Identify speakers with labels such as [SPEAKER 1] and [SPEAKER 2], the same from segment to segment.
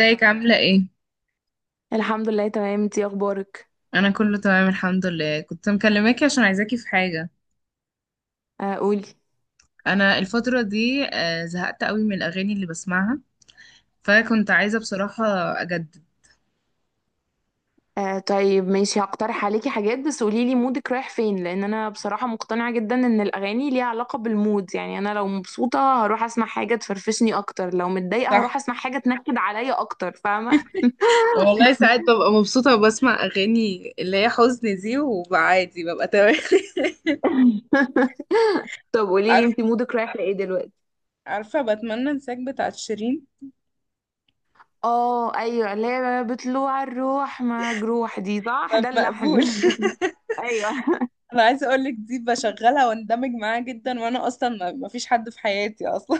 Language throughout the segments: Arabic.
[SPEAKER 1] ازيك عاملة ايه؟
[SPEAKER 2] الحمد لله، تمام. انتي اخبارك؟
[SPEAKER 1] أنا كله تمام الحمد لله. كنت مكلماكي عشان عايزاكي في حاجة.
[SPEAKER 2] آه، قولي.
[SPEAKER 1] أنا الفترة دي زهقت قوي من الأغاني اللي بسمعها، فكنت عايزة بصراحة أجدد.
[SPEAKER 2] آه، طيب ماشي. هقترح عليكي حاجات، بس قوليلي مودك رايح فين؟ لان انا بصراحة مقتنعة جدا ان الاغاني ليها علاقة بالمود. يعني انا لو مبسوطة هروح اسمع حاجة تفرفشني اكتر، لو متضايقة
[SPEAKER 1] صح.
[SPEAKER 2] هروح اسمع حاجة تنكد عليا اكتر، فاهمة؟
[SPEAKER 1] والله ساعات ببقى مبسوطة وبسمع أغاني اللي هي حزن دي وببقى عادي، ببقى تمام.
[SPEAKER 2] طب قوليلي
[SPEAKER 1] عارف،
[SPEAKER 2] انتي مودك رايح لايه دلوقتي؟
[SPEAKER 1] عارفة بتمنى انساك بتاعت شيرين.
[SPEAKER 2] اه ايوه، اللي هي بطلوع الروح مجروح دي، صح، ده
[SPEAKER 1] مقبول.
[SPEAKER 2] اللحن. ايوه.
[SPEAKER 1] أنا عايزة أقولك، دي بشغلها واندمج معاها جدا، وأنا أصلا ما فيش حد في حياتي أصلا.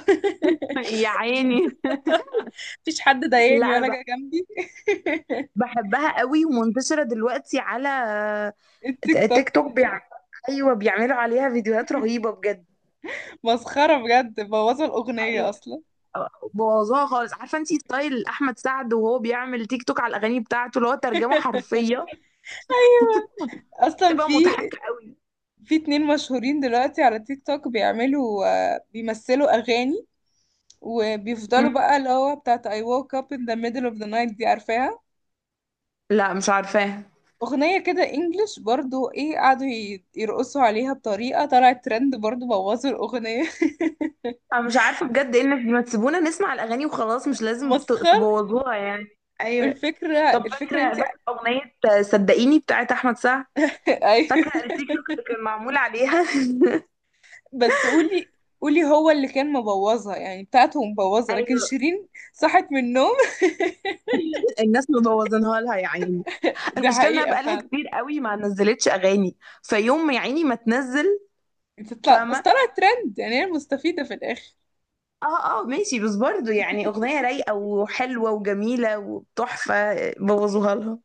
[SPEAKER 2] يا عيني.
[SPEAKER 1] مفيش حد
[SPEAKER 2] لا
[SPEAKER 1] ضايقني
[SPEAKER 2] انا
[SPEAKER 1] ولا جه جنبي.
[SPEAKER 2] بحبها قوي ومنتشرة دلوقتي على
[SPEAKER 1] التيك توك
[SPEAKER 2] تيك توك. بيعمل... ايوه، بيعملوا عليها فيديوهات رهيبه بجد.
[SPEAKER 1] مسخرة بجد، بوظوا الأغنية
[SPEAKER 2] ايوه.
[SPEAKER 1] أصلا.
[SPEAKER 2] بوظوها خالص. عارفه انتي ستايل احمد سعد، وهو بيعمل تيك توك على الاغاني بتاعته اللي هو ترجمه حرفيه،
[SPEAKER 1] أيوة أصلا
[SPEAKER 2] بتبقى
[SPEAKER 1] في،
[SPEAKER 2] مضحكه قوي.
[SPEAKER 1] في اتنين مشهورين دلوقتي على تيك توك بيعملوا، بيمثلوا أغاني وبيفضلوا
[SPEAKER 2] مم.
[SPEAKER 1] بقى اللي هو بتاعت I woke up in the middle of the night دي، عارفاها؟
[SPEAKER 2] لا مش عارفاها.
[SPEAKER 1] أغنية كده إنجلش برضو، إيه، قعدوا يرقصوا عليها بطريقة طلعت ترند، برضو بوظوا الأغنية.
[SPEAKER 2] انا مش عارفه بجد ايه الناس دي، ما تسيبونا نسمع الاغاني وخلاص، مش لازم
[SPEAKER 1] مسخر.
[SPEAKER 2] تبوظوها يعني، ايوه.
[SPEAKER 1] الفكرة،
[SPEAKER 2] طب فاكره
[SPEAKER 1] انت.
[SPEAKER 2] فاكره اغنيه صدقيني بتاعت احمد سعد،
[SPEAKER 1] أيوة.
[SPEAKER 2] فاكره التيك توك اللي كان معمول عليها؟
[SPEAKER 1] بس قولي، قولي، هو اللي كان مبوظها يعني، بتاعته مبوظة، لكن
[SPEAKER 2] ايوه.
[SPEAKER 1] شيرين صحت من النوم.
[SPEAKER 2] الناس مبوظينها لها يا عيني.
[SPEAKER 1] دي
[SPEAKER 2] المشكله انها
[SPEAKER 1] حقيقة
[SPEAKER 2] بقالها
[SPEAKER 1] فعلا.
[SPEAKER 2] كتير قوي ما نزلتش اغاني. فيوم ما يا عيني ما تنزل.
[SPEAKER 1] بتطلع، بس
[SPEAKER 2] فاهمه.
[SPEAKER 1] طلعت ترند، يعني هي المستفيدة في الآخر.
[SPEAKER 2] اه اه، ماشي. بس برضو يعني اغنيه رايقه وحلوه وجميله وتحفه بوظوها لها.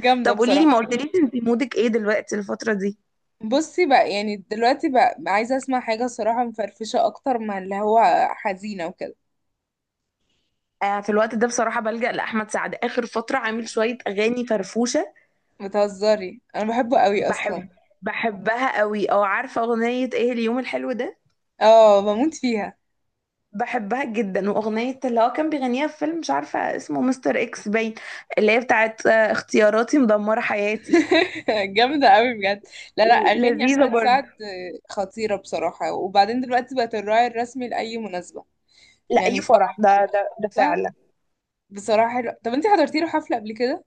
[SPEAKER 1] جامدة
[SPEAKER 2] طب قولي لي،
[SPEAKER 1] بصراحة.
[SPEAKER 2] ما قلتليش انت مودك ايه دلوقتي الفتره دي؟
[SPEAKER 1] بصي بقى، يعني دلوقتي بقى عايزة اسمع حاجة صراحة مفرفشة أكتر من اللي هو حزينة وكده.
[SPEAKER 2] آه، في الوقت ده بصراحه بلجأ لاحمد سعد. اخر فتره عامل شويه اغاني فرفوشه.
[SPEAKER 1] بتهزري؟ أنا بحبه قوي
[SPEAKER 2] بحب
[SPEAKER 1] أصلا.
[SPEAKER 2] بحبها قوي. او عارفه اغنيه ايه؟ اليوم الحلو ده،
[SPEAKER 1] اه، بموت فيها.
[SPEAKER 2] بحبها جدا. واغنيه اللي هو كان بيغنيها في فيلم مش عارفه اسمه، مستر اكس باين، اللي هي بتاعت اختياراتي مدمره حياتي.
[SPEAKER 1] جامدة قوي بجد. لا لا، أغاني
[SPEAKER 2] لذيذه
[SPEAKER 1] أحمد
[SPEAKER 2] برضه.
[SPEAKER 1] سعد خطيرة بصراحة. وبعدين دلوقتي بقت الراعي الرسمي لأي مناسبة،
[SPEAKER 2] لا،
[SPEAKER 1] يعني
[SPEAKER 2] اي
[SPEAKER 1] فرح
[SPEAKER 2] فرح، ده
[SPEAKER 1] بقى.
[SPEAKER 2] فعلا.
[SPEAKER 1] بصراحة حلو. طب انت حضرتي له حفلة قبل كده؟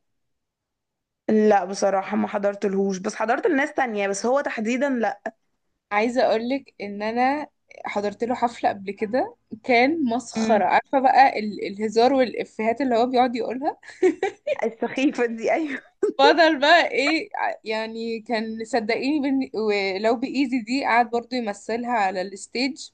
[SPEAKER 2] لا بصراحه ما حضرتلهوش، بس حضرت لناس تانية، بس هو تحديدا لا.
[SPEAKER 1] عايزة اقولك ان انا حضرت له حفلة قبل كده، كان
[SPEAKER 2] امم.
[SPEAKER 1] مسخرة. عارفة بقى الهزار والإفيهات اللي هو بيقعد يقولها.
[SPEAKER 2] السخيفه دي، ايوه.
[SPEAKER 1] فضل بقى ايه، يعني كان، صدقيني ولو بإيزي دي قعد برضو يمثلها على الستيج.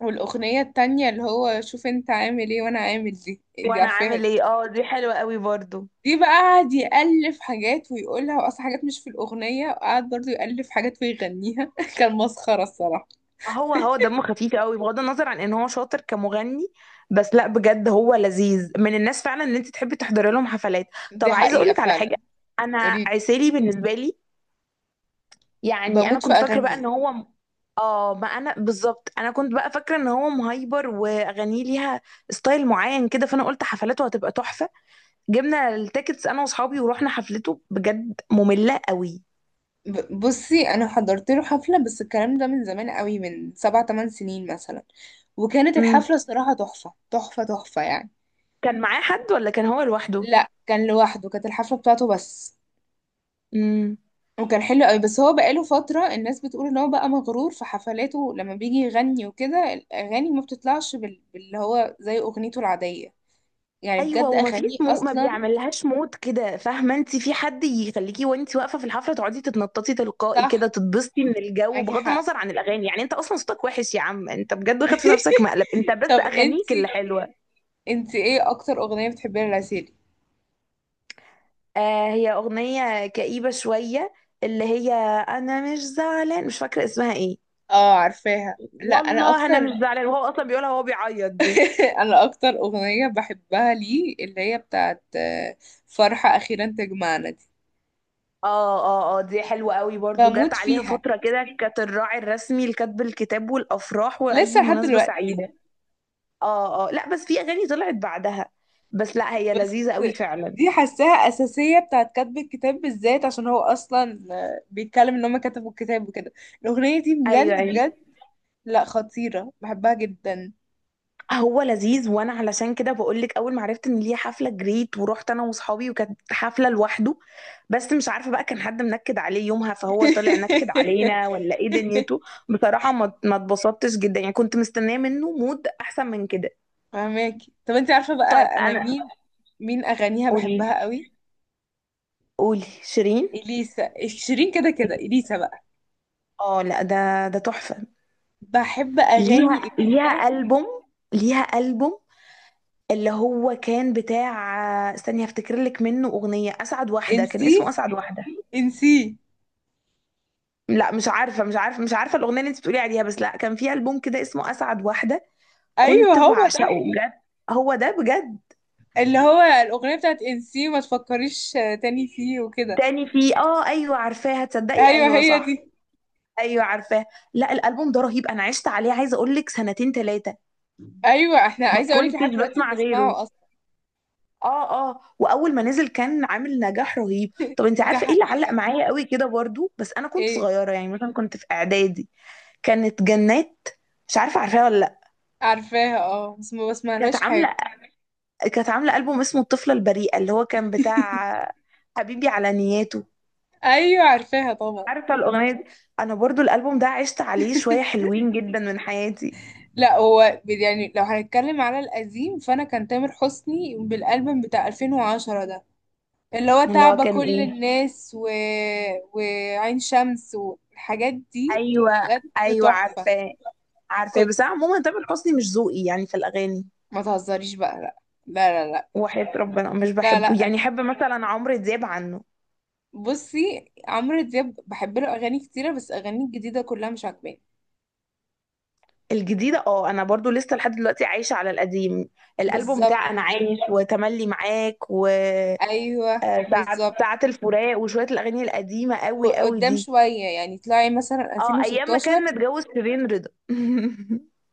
[SPEAKER 1] والأغنية التانية اللي هو شوف انت عامل ايه وانا عامل دي دي
[SPEAKER 2] وانا
[SPEAKER 1] عارفاها دي؟
[SPEAKER 2] عامل ايه، اه دي حلوه قوي برضه.
[SPEAKER 1] دي بقى قعد يألف حاجات ويقولها، وأصلا حاجات مش في الأغنية، وقعد برضو يألف حاجات ويغنيها. كان مسخرة الصراحة.
[SPEAKER 2] هو دمه خفيف قوي بغض النظر عن ان هو شاطر كمغني. بس لا، بجد هو لذيذ من الناس فعلا، ان انت تحبي تحضري لهم حفلات.
[SPEAKER 1] دي
[SPEAKER 2] طب عايزه اقول
[SPEAKER 1] حقيقة
[SPEAKER 2] لك على حاجه.
[SPEAKER 1] فعلا.
[SPEAKER 2] انا...
[SPEAKER 1] اريد
[SPEAKER 2] عسيلي بالنسبه لي. يعني انا
[SPEAKER 1] بموت في
[SPEAKER 2] كنت فاكره بقى
[SPEAKER 1] اغانيه.
[SPEAKER 2] ان هو اه، ما انا بالظبط. انا كنت بقى فاكره ان هو مهايبر واغانيه ليها ستايل معين كده، فانا قلت حفلاته هتبقى تحفه. جبنا التيكتس انا واصحابي ورحنا حفلته، بجد ممله قوي.
[SPEAKER 1] بصي انا حضرت له حفلة، بس الكلام ده من زمان قوي، من سبع تمن سنين مثلا، وكانت
[SPEAKER 2] امم.
[SPEAKER 1] الحفلة الصراحة تحفة تحفة تحفة يعني.
[SPEAKER 2] كان معاه حد ولا كان هو لوحده؟
[SPEAKER 1] لا كان لوحده، كانت الحفلة بتاعته بس، وكان حلو قوي. بس هو بقاله فترة الناس بتقول ان هو بقى مغرور في حفلاته لما بيجي يغني وكده، الاغاني ما بتطلعش باللي هو زي اغنيته العادية، يعني
[SPEAKER 2] ايوه.
[SPEAKER 1] بجد
[SPEAKER 2] وما فيش
[SPEAKER 1] اغانيه
[SPEAKER 2] ما
[SPEAKER 1] اصلا.
[SPEAKER 2] بيعملهاش موت كده، فاهمه انت؟ في حد يخليكي وانت واقفه في الحفله تقعدي تتنططي تلقائي كده،
[SPEAKER 1] صح.
[SPEAKER 2] تتبسطي من الجو
[SPEAKER 1] معاكي
[SPEAKER 2] بغض
[SPEAKER 1] حق.
[SPEAKER 2] النظر عن الاغاني. يعني انت اصلا صوتك وحش يا عم انت بجد، واخد في نفسك مقلب. انت بس
[SPEAKER 1] طب
[SPEAKER 2] اغانيك اللي
[SPEAKER 1] انتي،
[SPEAKER 2] حلوه.
[SPEAKER 1] انت ايه اكتر اغنية بتحبيها لعسيلي؟
[SPEAKER 2] آه، هي اغنيه كئيبه شويه، اللي هي... انا مش زعلان، مش فاكره اسمها ايه.
[SPEAKER 1] اه عارفاها. لا انا
[SPEAKER 2] والله انا
[SPEAKER 1] اكتر.
[SPEAKER 2] مش زعلان، وهو اصلا بيقولها وهو بيعيط دي.
[SPEAKER 1] انا اكتر اغنية بحبها ليه اللي هي بتاعت فرحة اخيرا تجمعنا دي.
[SPEAKER 2] اه. اه اه، دي حلوة قوي برضو. جت
[SPEAKER 1] بموت
[SPEAKER 2] عليها
[SPEAKER 1] فيها
[SPEAKER 2] فترة كده كانت الراعي الرسمي لكتب الكتاب والأفراح
[SPEAKER 1] لسه
[SPEAKER 2] وأي
[SPEAKER 1] لحد
[SPEAKER 2] مناسبة
[SPEAKER 1] دلوقتي.
[SPEAKER 2] سعيدة. اه اه، لا بس في اغاني طلعت بعدها. بس لا هي
[SPEAKER 1] بس
[SPEAKER 2] لذيذة قوي فعلا.
[SPEAKER 1] دي حاساها اساسية بتاعت كتب الكتاب بالذات، عشان هو اصلا بيتكلم ان هما كتبوا الكتاب وكده. الاغنية دي
[SPEAKER 2] ايوه
[SPEAKER 1] بجد
[SPEAKER 2] ايوه.
[SPEAKER 1] بجد. لا خطيرة، بحبها جدا.
[SPEAKER 2] هو لذيذ، وانا علشان كده بقول لك اول ما عرفت ان ليه حفلة جريت ورحت انا واصحابي، وكانت حفلة لوحده. بس مش عارفة بقى كان حد منكد عليه يومها فهو طلع نكد علينا، ولا ايه دنيته. بصراحة ما اتبسطتش جدا يعني، كنت مستنية منه مود احسن من كده.
[SPEAKER 1] فهماكي؟ طب انت عارفة
[SPEAKER 2] طيب
[SPEAKER 1] بقى انا
[SPEAKER 2] انا...
[SPEAKER 1] مين، مين اغانيها
[SPEAKER 2] قولي.
[SPEAKER 1] بحبها قوي؟
[SPEAKER 2] قولي شيرين.
[SPEAKER 1] اليسا. شيرين كده كده، اليسا بقى.
[SPEAKER 2] اه لا، ده تحفة.
[SPEAKER 1] بحب اغاني
[SPEAKER 2] ليها
[SPEAKER 1] اليسا.
[SPEAKER 2] ليها ألبوم. ليها ألبوم اللي هو كان بتاع... استني هفتكر لك منه. اغنيه اسعد واحده، كان
[SPEAKER 1] انسي،
[SPEAKER 2] اسمه اسعد واحده.
[SPEAKER 1] انسي.
[SPEAKER 2] لا مش عارفه، مش عارفه الاغنيه اللي انت بتقولي عليها، بس لا كان في البوم كده اسمه اسعد واحده.
[SPEAKER 1] ايوه
[SPEAKER 2] كنت
[SPEAKER 1] هو
[SPEAKER 2] بعشقه
[SPEAKER 1] ده.
[SPEAKER 2] بجد. هو ده بجد.
[SPEAKER 1] اللي هو الاغنية بتاعت انسي ما تفكريش تاني فيه وكده.
[SPEAKER 2] تاني في، اه ايوه عارفاها. تصدقي
[SPEAKER 1] ايوه
[SPEAKER 2] ايوه
[SPEAKER 1] هي
[SPEAKER 2] صح.
[SPEAKER 1] دي.
[SPEAKER 2] ايوه عارفاه. لا الالبوم ده رهيب، انا عشت عليه عايزه اقول لك سنتين ثلاثه.
[SPEAKER 1] ايوه، احنا
[SPEAKER 2] ما
[SPEAKER 1] عايزة اقولك لحد
[SPEAKER 2] كنتش
[SPEAKER 1] دلوقتي
[SPEAKER 2] بسمع غيره.
[SPEAKER 1] بنسمعه اصلا.
[SPEAKER 2] اه اه، واول ما نزل كان عامل نجاح رهيب. طب انت
[SPEAKER 1] ده
[SPEAKER 2] عارفه ايه اللي علق
[SPEAKER 1] حقيقة.
[SPEAKER 2] معايا قوي كده برضو بس انا كنت
[SPEAKER 1] ايه؟
[SPEAKER 2] صغيره، يعني مثلا كنت في اعدادي. كانت جنات، مش عارفة عارفاها ولا لأ؟
[SPEAKER 1] عارفاها اه، بس ما
[SPEAKER 2] كانت
[SPEAKER 1] بسمعلهاش حاجة.
[SPEAKER 2] عاملة كانت عاملة ألبوم اسمه الطفلة البريئة، اللي هو كان بتاع حبيبي على نياته.
[SPEAKER 1] ايوه عارفاها طبعا.
[SPEAKER 2] عارفة الأغنية دي؟ أنا برضو الألبوم ده عشت عليه شوية حلوين جدا من حياتي.
[SPEAKER 1] لا هو يعني لو هنتكلم على القديم، فانا كان تامر حسني بالالبوم بتاع 2010 ده، اللي هو
[SPEAKER 2] اللي هو
[SPEAKER 1] تعب
[SPEAKER 2] كان
[SPEAKER 1] كل
[SPEAKER 2] إيه...
[SPEAKER 1] الناس وعين شمس والحاجات دي
[SPEAKER 2] أيوة.
[SPEAKER 1] بجد
[SPEAKER 2] أيوة
[SPEAKER 1] تحفة.
[SPEAKER 2] عارفاه،
[SPEAKER 1] كنت،
[SPEAKER 2] بس أنا عموما تامر حسني مش ذوقي يعني في الأغاني.
[SPEAKER 1] ما تهزريش بقى. لا، لا لا
[SPEAKER 2] وحياة ربنا مش
[SPEAKER 1] لا لا,
[SPEAKER 2] بحبه،
[SPEAKER 1] لا.
[SPEAKER 2] يعني أحب مثلا عمرو دياب عنه.
[SPEAKER 1] بصي عمرو دياب بحب له اغاني كتيرة، بس اغاني الجديدة كلها مش عاجباني.
[SPEAKER 2] الجديدة اه، أنا برضو لسه لحد دلوقتي عايشة على القديم. الألبوم
[SPEAKER 1] بالظبط.
[SPEAKER 2] بتاع أنا عايش وتملي معاك، و
[SPEAKER 1] ايوه
[SPEAKER 2] ساعة
[SPEAKER 1] بالظبط.
[SPEAKER 2] ساعة الفراق وشوية الأغاني القديمة قوي قوي
[SPEAKER 1] وقدام
[SPEAKER 2] دي.
[SPEAKER 1] شوية يعني، طلعي مثلا
[SPEAKER 2] اه، أيام ما كان
[SPEAKER 1] 2016.
[SPEAKER 2] متجوز شيرين رضا.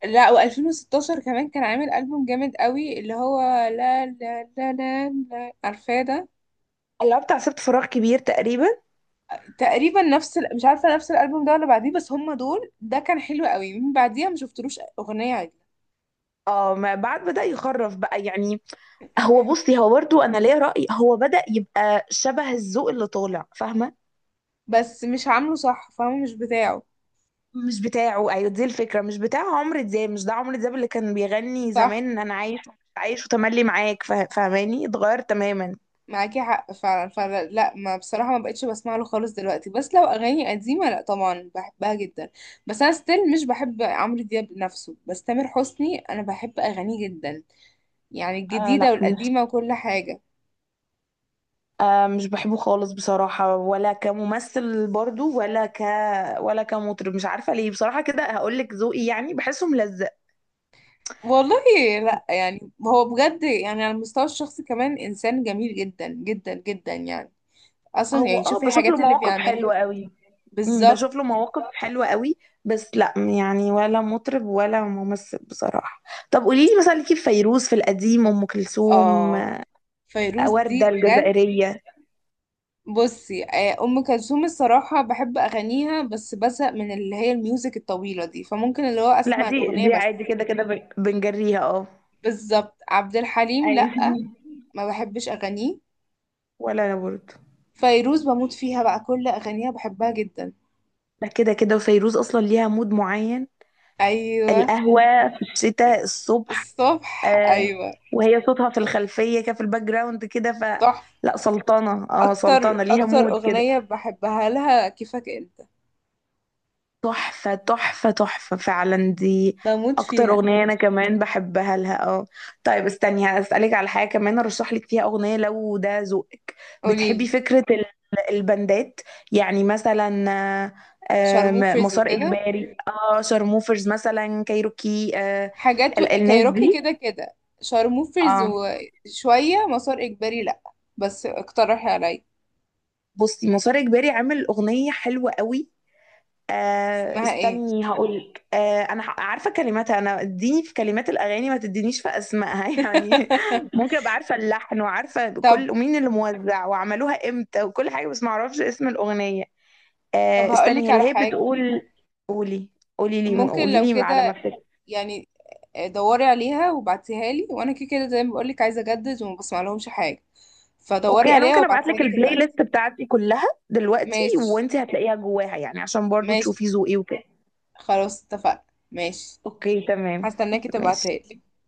[SPEAKER 1] لا و2016 كمان كان عامل ألبوم جامد قوي، اللي هو لا لا لا لا, لا. عارفاه ده؟
[SPEAKER 2] اللي هو بتاع سبت فراغ كبير تقريبا.
[SPEAKER 1] تقريبا نفس مش عارفة نفس الألبوم ده ولا بعديه، بس هما دول. ده كان حلو قوي، من بعديها ما شفتلوش أغنية عدلة.
[SPEAKER 2] اه، ما بعد بدأ يخرف بقى يعني. هو بصي، هو برضو أنا ليا رأي، هو بدأ يبقى شبه الذوق اللي طالع، فاهمة؟
[SPEAKER 1] بس مش عامله صح، فاهمة؟ مش بتاعه.
[SPEAKER 2] مش بتاعه. أيوة دي الفكرة، مش بتاع عمرو دياب. مش ده عمرو دياب اللي كان بيغني
[SPEAKER 1] صح.
[SPEAKER 2] زمان أنا عايش، عايش وتملي معاك. فاهماني؟ اتغير تماما.
[SPEAKER 1] معاكي حق فعلا فعلا. لا ما بصراحة ما بقتش بسمع له خالص دلوقتي، بس لو أغاني قديمة لا طبعا بحبها جدا. بس أنا ستيل مش بحب عمرو دياب نفسه، بس تامر حسني أنا بحب أغانيه جدا، يعني
[SPEAKER 2] آه
[SPEAKER 1] الجديدة
[SPEAKER 2] لا مش...
[SPEAKER 1] والقديمة وكل حاجة.
[SPEAKER 2] مش بحبه خالص بصراحة، ولا كممثل برضو، ولا ك... ولا كمطرب. مش عارفة ليه بصراحة، كده هقولك ذوقي. يعني بحسه ملزق.
[SPEAKER 1] والله، لا يعني هو بجد يعني على المستوى الشخصي كمان انسان جميل جدا جدا جدا يعني، اصلا
[SPEAKER 2] هو
[SPEAKER 1] يعني شوفي
[SPEAKER 2] بشوف له
[SPEAKER 1] الحاجات اللي
[SPEAKER 2] مواقف حلوة
[SPEAKER 1] بيعملها.
[SPEAKER 2] قوي.
[SPEAKER 1] بالظبط.
[SPEAKER 2] بشوف له مواقف حلوة قوي. بس لا يعني، ولا مطرب ولا ممثل بصراحة. طب قوليلي مثلا، ليكي في فيروز؟ في القديم أم كلثوم؟
[SPEAKER 1] اه فيروز دي
[SPEAKER 2] وردة
[SPEAKER 1] بجد.
[SPEAKER 2] الجزائرية.
[SPEAKER 1] بصي ام كلثوم الصراحه بحب اغانيها، بس بزهق من اللي هي الميوزك الطويله دي، فممكن اللي هو
[SPEAKER 2] لا،
[SPEAKER 1] اسمع
[SPEAKER 2] دي
[SPEAKER 1] الاغنيه
[SPEAKER 2] دي
[SPEAKER 1] بس.
[SPEAKER 2] عادي كده كده بنجريها، اه.
[SPEAKER 1] بالظبط. عبد الحليم
[SPEAKER 2] ايوه.
[SPEAKER 1] لا، ما بحبش اغانيه.
[SPEAKER 2] ولا انا برضه.
[SPEAKER 1] فيروز بموت فيها بقى، كل اغانيها بحبها جدا.
[SPEAKER 2] لا كده كده، وفيروز اصلا ليها مود معين.
[SPEAKER 1] ايوه.
[SPEAKER 2] القهوة في الشتاء الصبح.
[SPEAKER 1] الصبح
[SPEAKER 2] آه.
[SPEAKER 1] ايوه.
[SPEAKER 2] وهي صوتها في الخلفية كده، في الباك جراوند كده، ف...
[SPEAKER 1] تحفه.
[SPEAKER 2] لا سلطانة، اه سلطانة ليها
[SPEAKER 1] اكتر
[SPEAKER 2] مود كده.
[SPEAKER 1] اغنية بحبها لها كيفك انت.
[SPEAKER 2] تحفة تحفة تحفة فعلا دي.
[SPEAKER 1] بموت
[SPEAKER 2] أكتر
[SPEAKER 1] فيها.
[SPEAKER 2] أغنية أنا كمان بحبها لها، اه. طيب استني هسألك على حاجة كمان، أرشح لك فيها أغنية لو ده ذوقك. بتحبي
[SPEAKER 1] قوليلي.
[SPEAKER 2] فكرة البندات؟ يعني مثلا آه،
[SPEAKER 1] شارموفرز
[SPEAKER 2] مسار
[SPEAKER 1] وكده
[SPEAKER 2] إجباري، اه شارموفرز، مثلا كايروكي،
[SPEAKER 1] حاجات
[SPEAKER 2] الناس
[SPEAKER 1] كايروكي
[SPEAKER 2] دي.
[SPEAKER 1] كده كده. شارموفرز
[SPEAKER 2] اه.
[SPEAKER 1] وشوية مسار اجباري لا، بس اقترحي عليا.
[SPEAKER 2] بصي مسار اجباري عامل اغنيه حلوه قوي.
[SPEAKER 1] اسمها ايه؟
[SPEAKER 2] استني هقولك. انا عارفه كلماتها. انا اديني في كلمات الاغاني ما تدينيش في اسمائها يعني. ممكن ابقى عارفه اللحن وعارفه
[SPEAKER 1] طب
[SPEAKER 2] كل مين اللي موزع وعملوها امتى وكل حاجه، بس ما اعرفش اسم الاغنيه.
[SPEAKER 1] طب هقولك
[SPEAKER 2] استني اللي
[SPEAKER 1] على
[SPEAKER 2] هي
[SPEAKER 1] حاجة.
[SPEAKER 2] بتقول... قولي. قولي لي،
[SPEAKER 1] ممكن
[SPEAKER 2] قولي
[SPEAKER 1] لو
[SPEAKER 2] لي على ما
[SPEAKER 1] كده
[SPEAKER 2] افتكر.
[SPEAKER 1] يعني، دوري عليها وبعتيها لي، وانا كده كده زي ما بقولك عايزة اجدد وما بسمع لهمش حاجة، فدوري
[SPEAKER 2] اوكي، انا
[SPEAKER 1] عليها
[SPEAKER 2] ممكن ابعت
[SPEAKER 1] وابعتيها
[SPEAKER 2] لك
[SPEAKER 1] لي
[SPEAKER 2] البلاي
[SPEAKER 1] دلوقتي.
[SPEAKER 2] ليست بتاعتي كلها دلوقتي،
[SPEAKER 1] ماشي.
[SPEAKER 2] وانت هتلاقيها جواها، يعني عشان برضو
[SPEAKER 1] ماشي،
[SPEAKER 2] تشوفي ذوقي وكده.
[SPEAKER 1] خلاص اتفقنا. ماشي.
[SPEAKER 2] اوكي تمام.
[SPEAKER 1] هستناكي تبعتها
[SPEAKER 2] ماشي.
[SPEAKER 1] لي.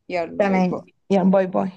[SPEAKER 1] يلا باي باي.
[SPEAKER 2] تمام. يلا باي باي.